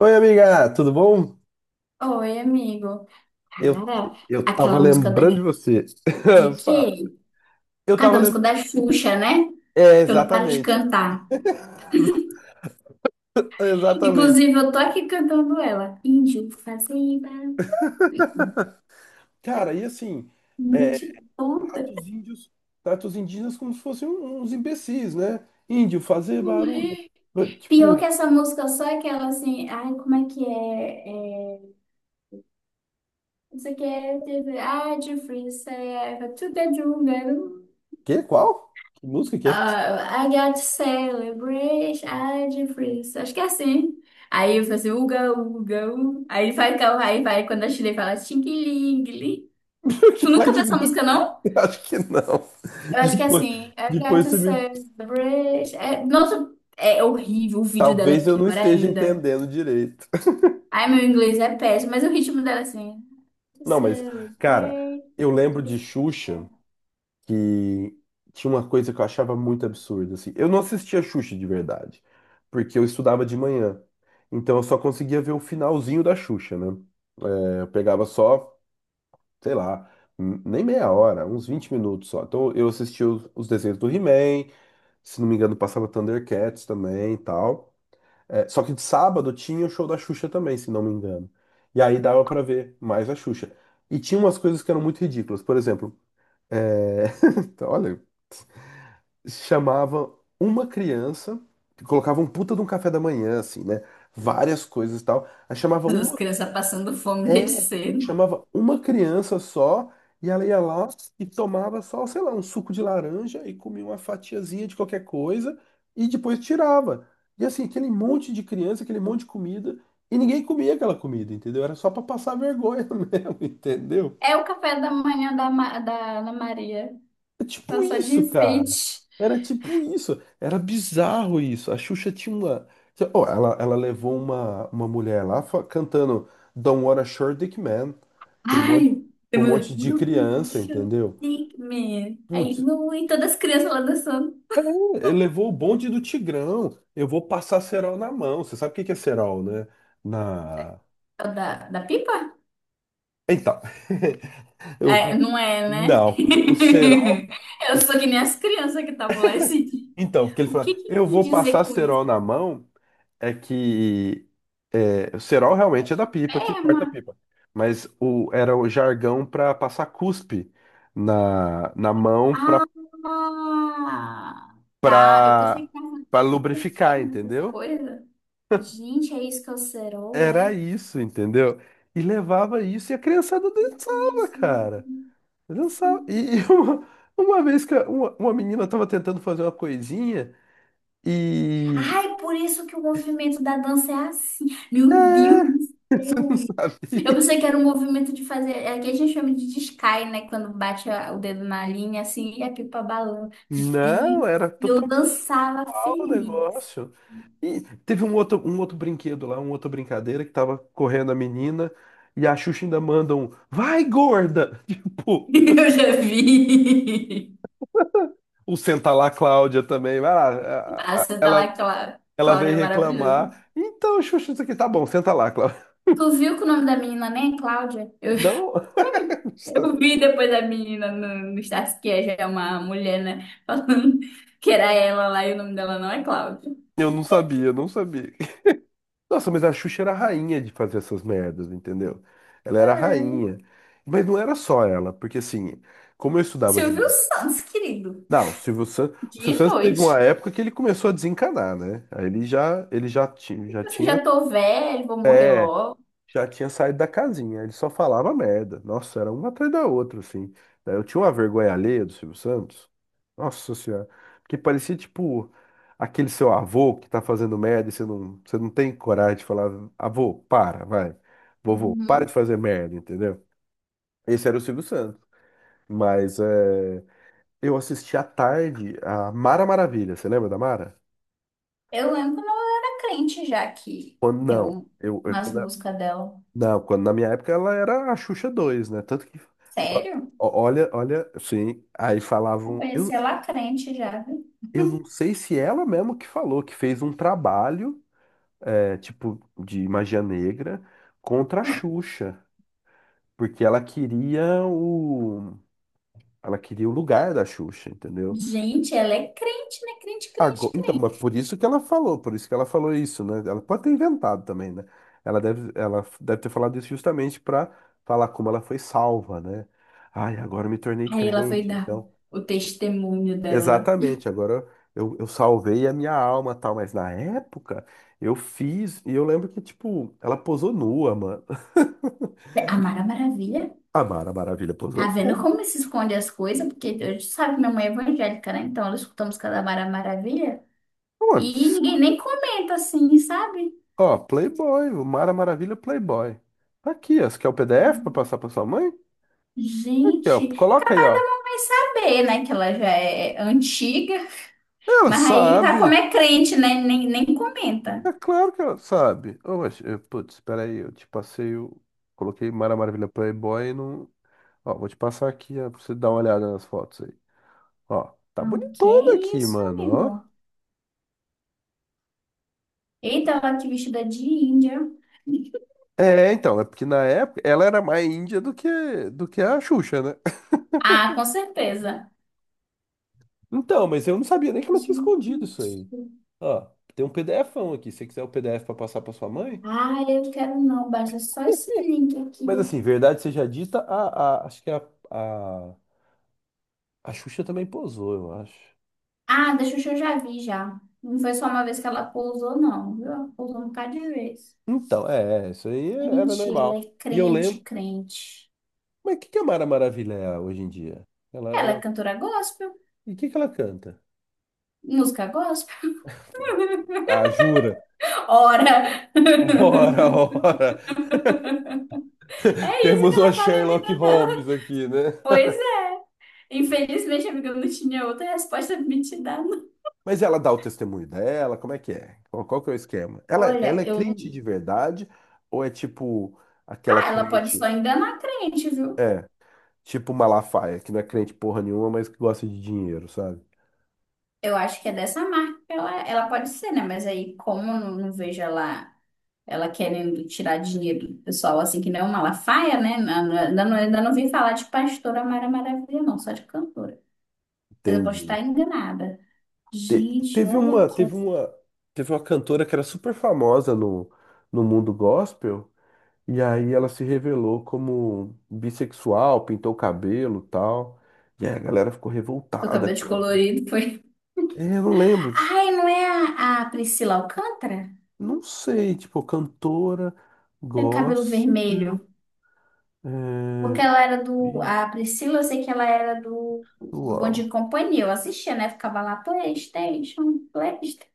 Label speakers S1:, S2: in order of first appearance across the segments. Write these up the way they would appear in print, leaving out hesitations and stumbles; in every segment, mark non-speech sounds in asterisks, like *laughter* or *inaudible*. S1: Oi, amiga, tudo bom?
S2: Oi, amigo.
S1: Eu,
S2: Cara,
S1: eu tava
S2: aquela música da...
S1: lembrando de você.
S2: De
S1: *laughs*
S2: quê?
S1: Fala. Eu tava
S2: Cada
S1: lembrando.
S2: música da Xuxa, né?
S1: É,
S2: Que eu não paro de
S1: exatamente.
S2: cantar.
S1: *laughs* Exatamente.
S2: Inclusive, eu tô aqui cantando ela. Índio fazenda,
S1: Cara, e assim, é,
S2: noite toda.
S1: trata os índios, trata os indígenas como se fossem uns imbecis, né? Índio, fazer barulho.
S2: Ué. Pior que
S1: Tipo,
S2: essa música, só é aquela assim... Ai, como é que é? Não sei o que é... Ah, de freestyle, to the jungle.
S1: que? Qual? Que música que é? Essa?
S2: Ah, I got to celebrate a difference. Acho que é assim. Aí eu faço assim, uga, uga, uga. Aí vai, aí vai, quando a Chile fala tingue-lingue.
S1: *laughs* Que
S2: Tu nunca
S1: raio
S2: viu
S1: de
S2: essa música,
S1: música?
S2: não?
S1: *laughs* Acho que não.
S2: Eu
S1: *laughs*
S2: acho que é
S1: Depois,
S2: assim. I got
S1: depois
S2: to
S1: você me.
S2: celebrate. É, nossa, é horrível. O vídeo dela é
S1: Talvez eu não
S2: pior
S1: esteja
S2: ainda.
S1: entendendo direito.
S2: Ai, meu inglês é péssimo, mas o ritmo dela é assim.
S1: *laughs*
S2: To
S1: Não, mas, cara,
S2: celebrate
S1: eu
S2: a
S1: lembro de
S2: difference.
S1: Xuxa. Que tinha uma coisa que eu achava muito absurda, assim. Eu não assistia Xuxa de verdade, porque eu estudava de manhã. Então eu só conseguia ver o finalzinho da Xuxa, né? É, eu pegava só, sei lá, nem meia hora, uns 20 minutos só. Então eu assistia os desenhos do He-Man, se não me engano, passava Thundercats também e tal. É, só que de sábado tinha o show da Xuxa também, se não me engano. E aí dava pra ver mais a Xuxa. E tinha umas coisas que eram muito ridículas. Por exemplo, é... *laughs* olha, chamava uma criança, que colocava um puta de um café da manhã, assim, né? Várias coisas e tal. Aí chamava
S2: As
S1: uma,
S2: crianças passando fome desde
S1: é,
S2: cedo.
S1: chamava uma criança só, e ela ia lá e tomava só, sei lá, um suco de laranja e comia uma fatiazinha de qualquer coisa e depois tirava. E assim, aquele monte de criança, aquele monte de comida, e ninguém comia aquela comida, entendeu? Era só pra passar vergonha *laughs* mesmo, entendeu?
S2: É o café da manhã da da Ana Maria.
S1: É tipo
S2: Ela só de
S1: isso, cara.
S2: enfeite.
S1: Era tipo isso. Era bizarro isso. A Xuxa tinha uma. Ó, ela levou uma mulher lá cantando Don't Wanna Short Dick Man pra um monte,
S2: Ai,
S1: pra um
S2: demorou.
S1: monte de criança,
S2: Gaúcha,
S1: entendeu?
S2: Pigman. Aí,
S1: Putz,
S2: não, e todas as crianças lá dançando.
S1: ele levou o bonde do Tigrão. Eu vou passar cerol na mão. Você sabe o que que é cerol, né? Na.
S2: É o da pipa?
S1: Então. *laughs*
S2: É,
S1: Eu...
S2: não é, né?
S1: Não. O cerol.
S2: *laughs* Eu sou que nem as crianças que estavam lá esse dia.
S1: Então, porque ele
S2: O que
S1: fala,
S2: que
S1: eu
S2: quis
S1: vou passar
S2: dizer com isso?
S1: cerol na mão. É que é, o cerol realmente é da pipa que
S2: Perma.
S1: corta a pipa, mas o, era o jargão para passar cuspe na mão para
S2: Ah, tá. Eu pensei
S1: para
S2: que tava de
S1: lubrificar,
S2: perna, essas
S1: entendeu?
S2: coisas. Gente, é isso que é o cerol,
S1: Era
S2: é?
S1: isso, entendeu? E levava isso e a criançada
S2: Eu tava
S1: dançava,
S2: assim,
S1: cara. Dançava.
S2: sim.
S1: E *laughs* uma, uma vez que uma menina tava tentando fazer uma coisinha e
S2: Ai, por isso que o movimento da dança é assim. Meu Deus do
S1: *laughs* você não
S2: céu. Eu
S1: sabia.
S2: pensei que era um movimento de fazer. É que a gente chama de descai, né? Quando bate o dedo na linha, assim, e a pipa balança. Meu
S1: Não,
S2: Deus.
S1: era
S2: E eu
S1: totalmente.
S2: dançava
S1: O
S2: feliz.
S1: negócio. E teve um outro brinquedo lá, uma outra brincadeira que tava correndo a menina e a Xuxa ainda manda um vai, gorda! *laughs* Tipo,
S2: *laughs* Eu já vi.
S1: o senta lá Cláudia também, vai lá.
S2: Ah, você tá
S1: Ela,
S2: lá,
S1: ela
S2: Cláudia,
S1: veio
S2: é maravilhoso.
S1: reclamar. Então, Xuxa, isso aqui tá bom, senta lá, Cláudia.
S2: Tu viu que o nome da menina nem é Cláudia?
S1: Não,
S2: *laughs* Eu
S1: *laughs*
S2: vi depois da menina no Status, que é já é uma mulher, né? Falando que era ela lá e o nome dela não é Cláudia.
S1: eu não sabia, não sabia. Nossa, mas a Xuxa era a rainha de fazer essas merdas, entendeu? Ela era a rainha. Mas não era só ela, porque assim, como eu estudava de
S2: Silvio Santos, querido.
S1: Não, o Silvio
S2: De
S1: Santos teve uma
S2: noite.
S1: época que ele começou a desencanar, né? Aí ele já,
S2: Tipo assim, já tô velho, vou morrer logo.
S1: já tinha saído da casinha, ele só falava merda. Nossa, era uma atrás da outra, assim. Daí eu tinha uma vergonha alheia do Silvio Santos. Nossa Senhora, porque parecia tipo aquele seu avô que tá fazendo merda e você não tem coragem de falar, avô, para, vai. Vovô, para de
S2: Uhum.
S1: fazer merda, entendeu? Esse era o Silvio Santos. Mas é, eu assisti à tarde a Mara Maravilha, você lembra da Mara?
S2: Eu lembro quando eu era crente já que
S1: Quando
S2: tem
S1: não,
S2: umas músicas dela.
S1: não, quando na minha época ela era a Xuxa 2 né? Tanto que,
S2: Sério?
S1: ó, sim, aí falavam,
S2: Apareceu lá crente já, viu?
S1: eu não sei se ela mesma que falou, que fez um trabalho, é, tipo, de magia negra contra a Xuxa, porque ela queria o lugar da Xuxa, entendeu?
S2: Gente, ela é crente, né? Crente, crente,
S1: Então, mas
S2: crente.
S1: por isso que ela falou, por isso que ela falou isso, né? Ela pode ter inventado também, né? Ela deve ter falado isso justamente para falar como ela foi salva, né? Ai, agora eu me tornei
S2: Aí ela foi
S1: crente,
S2: dar
S1: então.
S2: o testemunho dela.
S1: Exatamente, agora eu salvei a minha alma, tal, mas na época eu fiz, e eu lembro que, tipo, ela posou nua, mano. *laughs*
S2: A Mara Maravilha.
S1: A Mara Maravilha posou
S2: Tá vendo
S1: nua.
S2: como se esconde as coisas? Porque a sabe que minha mãe é evangélica, né? Então ela escuta a música da Mara Maravilha.
S1: Mano,
S2: E ninguém nem comenta assim, sabe?
S1: ó, Playboy, o Mara Maravilha Playboy. Tá aqui, ó. Você quer o PDF para passar para sua mãe? Aqui, ó.
S2: Gente,
S1: Coloca aí,
S2: capaz da
S1: ó.
S2: mamãe saber, né? Que ela já é antiga,
S1: Ela
S2: mas aí tá como
S1: sabe.
S2: é crente, né? Nem comenta.
S1: É claro que ela sabe. Oh, mas, putz, espera aí, eu te passei o... Coloquei Mara Maravilha Playboy e não... Ó, vou te passar aqui, ó, pra você dar uma olhada nas fotos aí. Ó, tá
S2: Ah, que
S1: bonitona aqui,
S2: isso,
S1: mano, ó.
S2: amigo? Eita, ela que vestida de índia.
S1: É, então, é porque na época ela era mais índia do que a Xuxa, né? *laughs*
S2: Ah, com certeza.
S1: Então, mas eu não sabia nem que ela tinha
S2: Gente.
S1: escondido isso aí. Ó, tem um PDFão aqui, se você quiser o PDF pra passar pra sua mãe.
S2: Ah, eu quero não, baixa só esse link aqui.
S1: Mas assim, verdade seja dita, acho que a, a Xuxa também posou, eu acho.
S2: Ah, da Xuxa eu já vi já. Não foi só uma vez que ela pousou, não, viu? Ela Pousou um bocado de vez.
S1: Então, isso aí era
S2: Gente, ela é
S1: normal. E eu
S2: crente,
S1: lembro.
S2: crente.
S1: Mas o que que a Mara Maravilha é hoje em dia? Ela,
S2: Ela é
S1: ela...
S2: cantora gospel.
S1: E o que que ela canta?
S2: Música gospel?
S1: Ah, jura?
S2: Ora!
S1: *laughs* Ora,
S2: *laughs*
S1: ora!
S2: É isso que
S1: Temos uma
S2: ela faz na
S1: Sherlock
S2: vida dela.
S1: Holmes aqui, né?
S2: Pois é. Infelizmente, amiga, eu não tinha outra resposta pra me te dar, não.
S1: Mas ela dá o testemunho dela? Como é que é? Qual que é o esquema? Ela
S2: Olha,
S1: é
S2: eu.
S1: crente de verdade? Ou é tipo aquela
S2: Ah, ela pode
S1: crente.
S2: só enganar a crente, viu?
S1: É, tipo Malafaia, que não é crente porra nenhuma, mas que gosta de dinheiro, sabe?
S2: Eu acho que é dessa marca que ela pode ser, né? Mas aí, como eu não vejo ela querendo tirar dinheiro do pessoal, assim, que não é uma Malafaia, né? Ainda não vim falar de pastora Mara Maravilha, não, só de cantora. Mas eu posso
S1: Entende?
S2: estar enganada.
S1: Te-
S2: Gente,
S1: Teve
S2: olha
S1: uma,
S2: aqui.
S1: teve uma, teve uma cantora que era super famosa no mundo gospel, e aí ela se revelou como bissexual, pintou o cabelo, e tal. E aí a galera ficou
S2: Do
S1: revoltada
S2: cabelo
S1: com ela.
S2: descolorido foi.
S1: É, eu não lembro,
S2: Ai, não é a Priscila Alcântara?
S1: não sei, tipo, cantora
S2: Tem cabelo
S1: gospel,
S2: vermelho. Porque
S1: é,
S2: ela era do. A Priscila, eu sei que ela era do Bom Dia
S1: bissexual.
S2: e Companhia. Eu assistia, né? Ficava lá, PlayStation, PlayStation.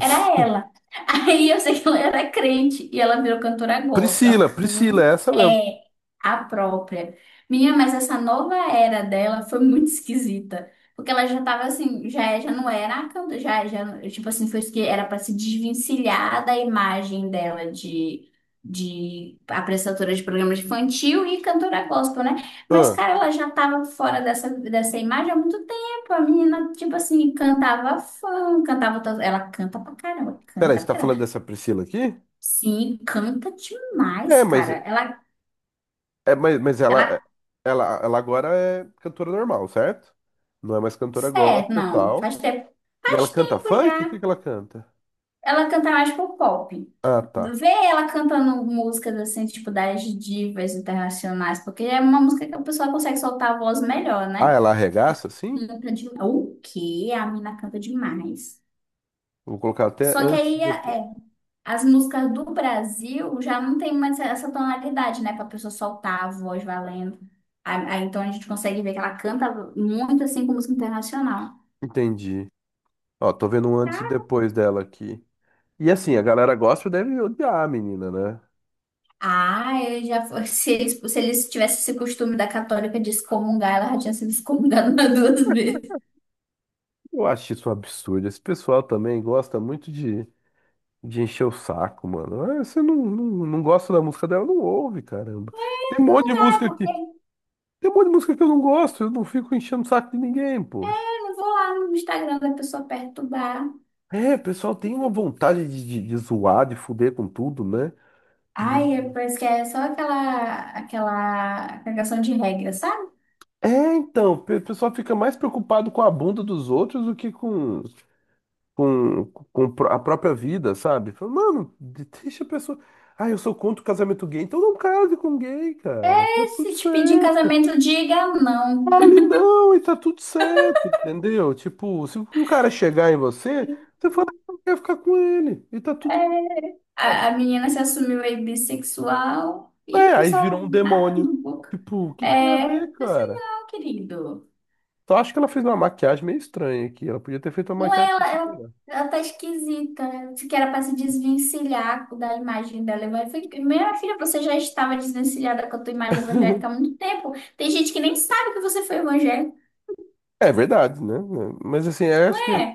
S2: Era ela. *laughs* Aí eu sei que ela era crente e ela virou cantora gospel. Ela
S1: Priscila,
S2: canta
S1: Priscila, é essa mesmo.
S2: é a própria. Minha, mas essa nova era dela foi muito esquisita. Porque ela já tava assim, já, já não era a cantora, já, já, tipo assim, foi isso que era para se desvencilhar da imagem dela de apresentadora de programas infantil e cantora gospel, né? Mas,
S1: Ah,
S2: cara, ela já tava fora dessa imagem há muito. Pô, a menina, tipo assim, cantava fã, cantava todas. Ela canta pra caramba,
S1: peraí,
S2: canta
S1: você
S2: pra
S1: tá falando
S2: caramba.
S1: dessa Priscila aqui?
S2: Sim, canta
S1: É,
S2: demais,
S1: mas
S2: cara.
S1: É, mas, mas ela,
S2: Ela,
S1: ela agora é cantora normal, certo? Não é mais cantora
S2: é,
S1: gospel e
S2: não,
S1: tal. E ela
S2: faz
S1: canta
S2: tempo
S1: funk? O
S2: já.
S1: que que ela canta?
S2: Ela canta mais pro pop.
S1: Ah, tá.
S2: Vê ela cantando músicas assim, tipo das divas internacionais, porque é uma música que a pessoa consegue soltar a voz melhor,
S1: Ah,
S2: né?
S1: ela arregaça, sim?
S2: Canta demais. O quê? A mina canta demais.
S1: Vou colocar até
S2: Só que
S1: antes e
S2: aí
S1: depois.
S2: é, as músicas do Brasil já não tem mais essa tonalidade, né? Pra pessoa soltar a voz valendo. Então a gente consegue ver que ela canta muito assim com música internacional.
S1: Entendi. Ó, tô vendo um antes e depois dela aqui. E assim, a galera gospel deve odiar a menina, né?
S2: Ah, eu já foi. *laughs* Se eles, se eles tivessem esse costume da católica de excomungar, ela já tinha sido excomungada *laughs* umas duas vezes.
S1: Eu acho isso um absurdo. Esse pessoal também gosta muito de, encher o saco, mano. Ah, você não gosta da música dela, não ouve, caramba. Tem um monte de
S2: Ah, é
S1: música aqui.
S2: porque eu
S1: Tem um monte de música que eu não gosto, eu não fico enchendo o saco de ninguém, poxa.
S2: não vou lá no Instagram da pessoa perturbar.
S1: É, o pessoal tem uma vontade de zoar, de fuder com tudo, né?
S2: Ai,
S1: De-
S2: é- parece que é só aquela cagação de regra, sabe?
S1: É, então, o pessoal fica mais preocupado com a bunda dos outros do que com, com a própria vida, sabe? Fala, mano, deixa a pessoa. Ah, eu sou contra o casamento gay, então não case com gay, cara. Tá
S2: É,
S1: tudo
S2: se te pedir em
S1: certo.
S2: casamento, diga não.
S1: Fale não, e tá tudo certo, entendeu? Tipo, se um cara chegar em você, você fala que não quer ficar com ele, e tá tudo bem.
S2: A menina se assumiu aí bissexual e o
S1: É, aí
S2: pessoal
S1: virou um
S2: nada
S1: demônio.
S2: no boca.
S1: Tipo, o que que tem a
S2: É,
S1: ver,
S2: eu falei assim,
S1: cara?
S2: não, querido.
S1: Só acho que ela fez uma maquiagem meio estranha aqui. Ela podia ter feito uma
S2: Não
S1: maquiagem
S2: é,
S1: um pouquinho melhor.
S2: ela tá esquisita, né? Se que era para se desvencilhar da imagem dela. Eu falei, minha filha, você já estava desvencilhada com a tua imagem evangélica há muito tempo. Tem gente que nem sabe que você foi evangélica.
S1: É verdade, né? Mas assim, eu acho
S2: Ué,
S1: que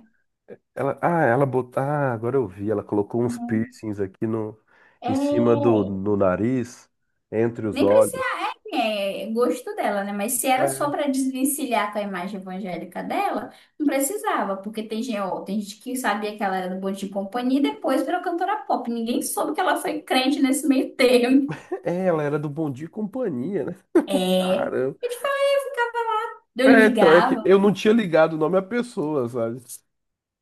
S1: ela. Ah, ela botou. Ah, agora eu vi. Ela colocou uns
S2: uhum.
S1: piercings aqui no...
S2: É,
S1: em cima do no nariz, entre os
S2: nem precisa,
S1: olhos.
S2: é gosto dela, né? Mas se era só
S1: É,
S2: para desvencilhar com a imagem evangélica dela, não precisava, porque tem, gente ó, tem gente que sabia que ela era do Bom de Companhia e depois virou cantora pop. Ninguém soube que ela foi crente nesse meio termo.
S1: ela era do Bom Dia e Companhia, né?
S2: É.
S1: Caramba.
S2: Eu
S1: É, então, é que
S2: ligava.
S1: eu não tinha ligado o nome à pessoa, sabe?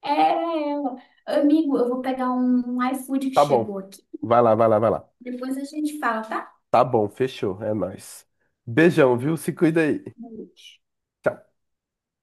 S2: Era ela. Amigo, eu vou pegar um iFood que
S1: Tá bom.
S2: chegou aqui.
S1: Vai lá.
S2: Depois a gente fala, tá?
S1: Tá bom, fechou, é nóis. Beijão, viu? Se cuida aí.
S2: Boa noite.
S1: Tchau.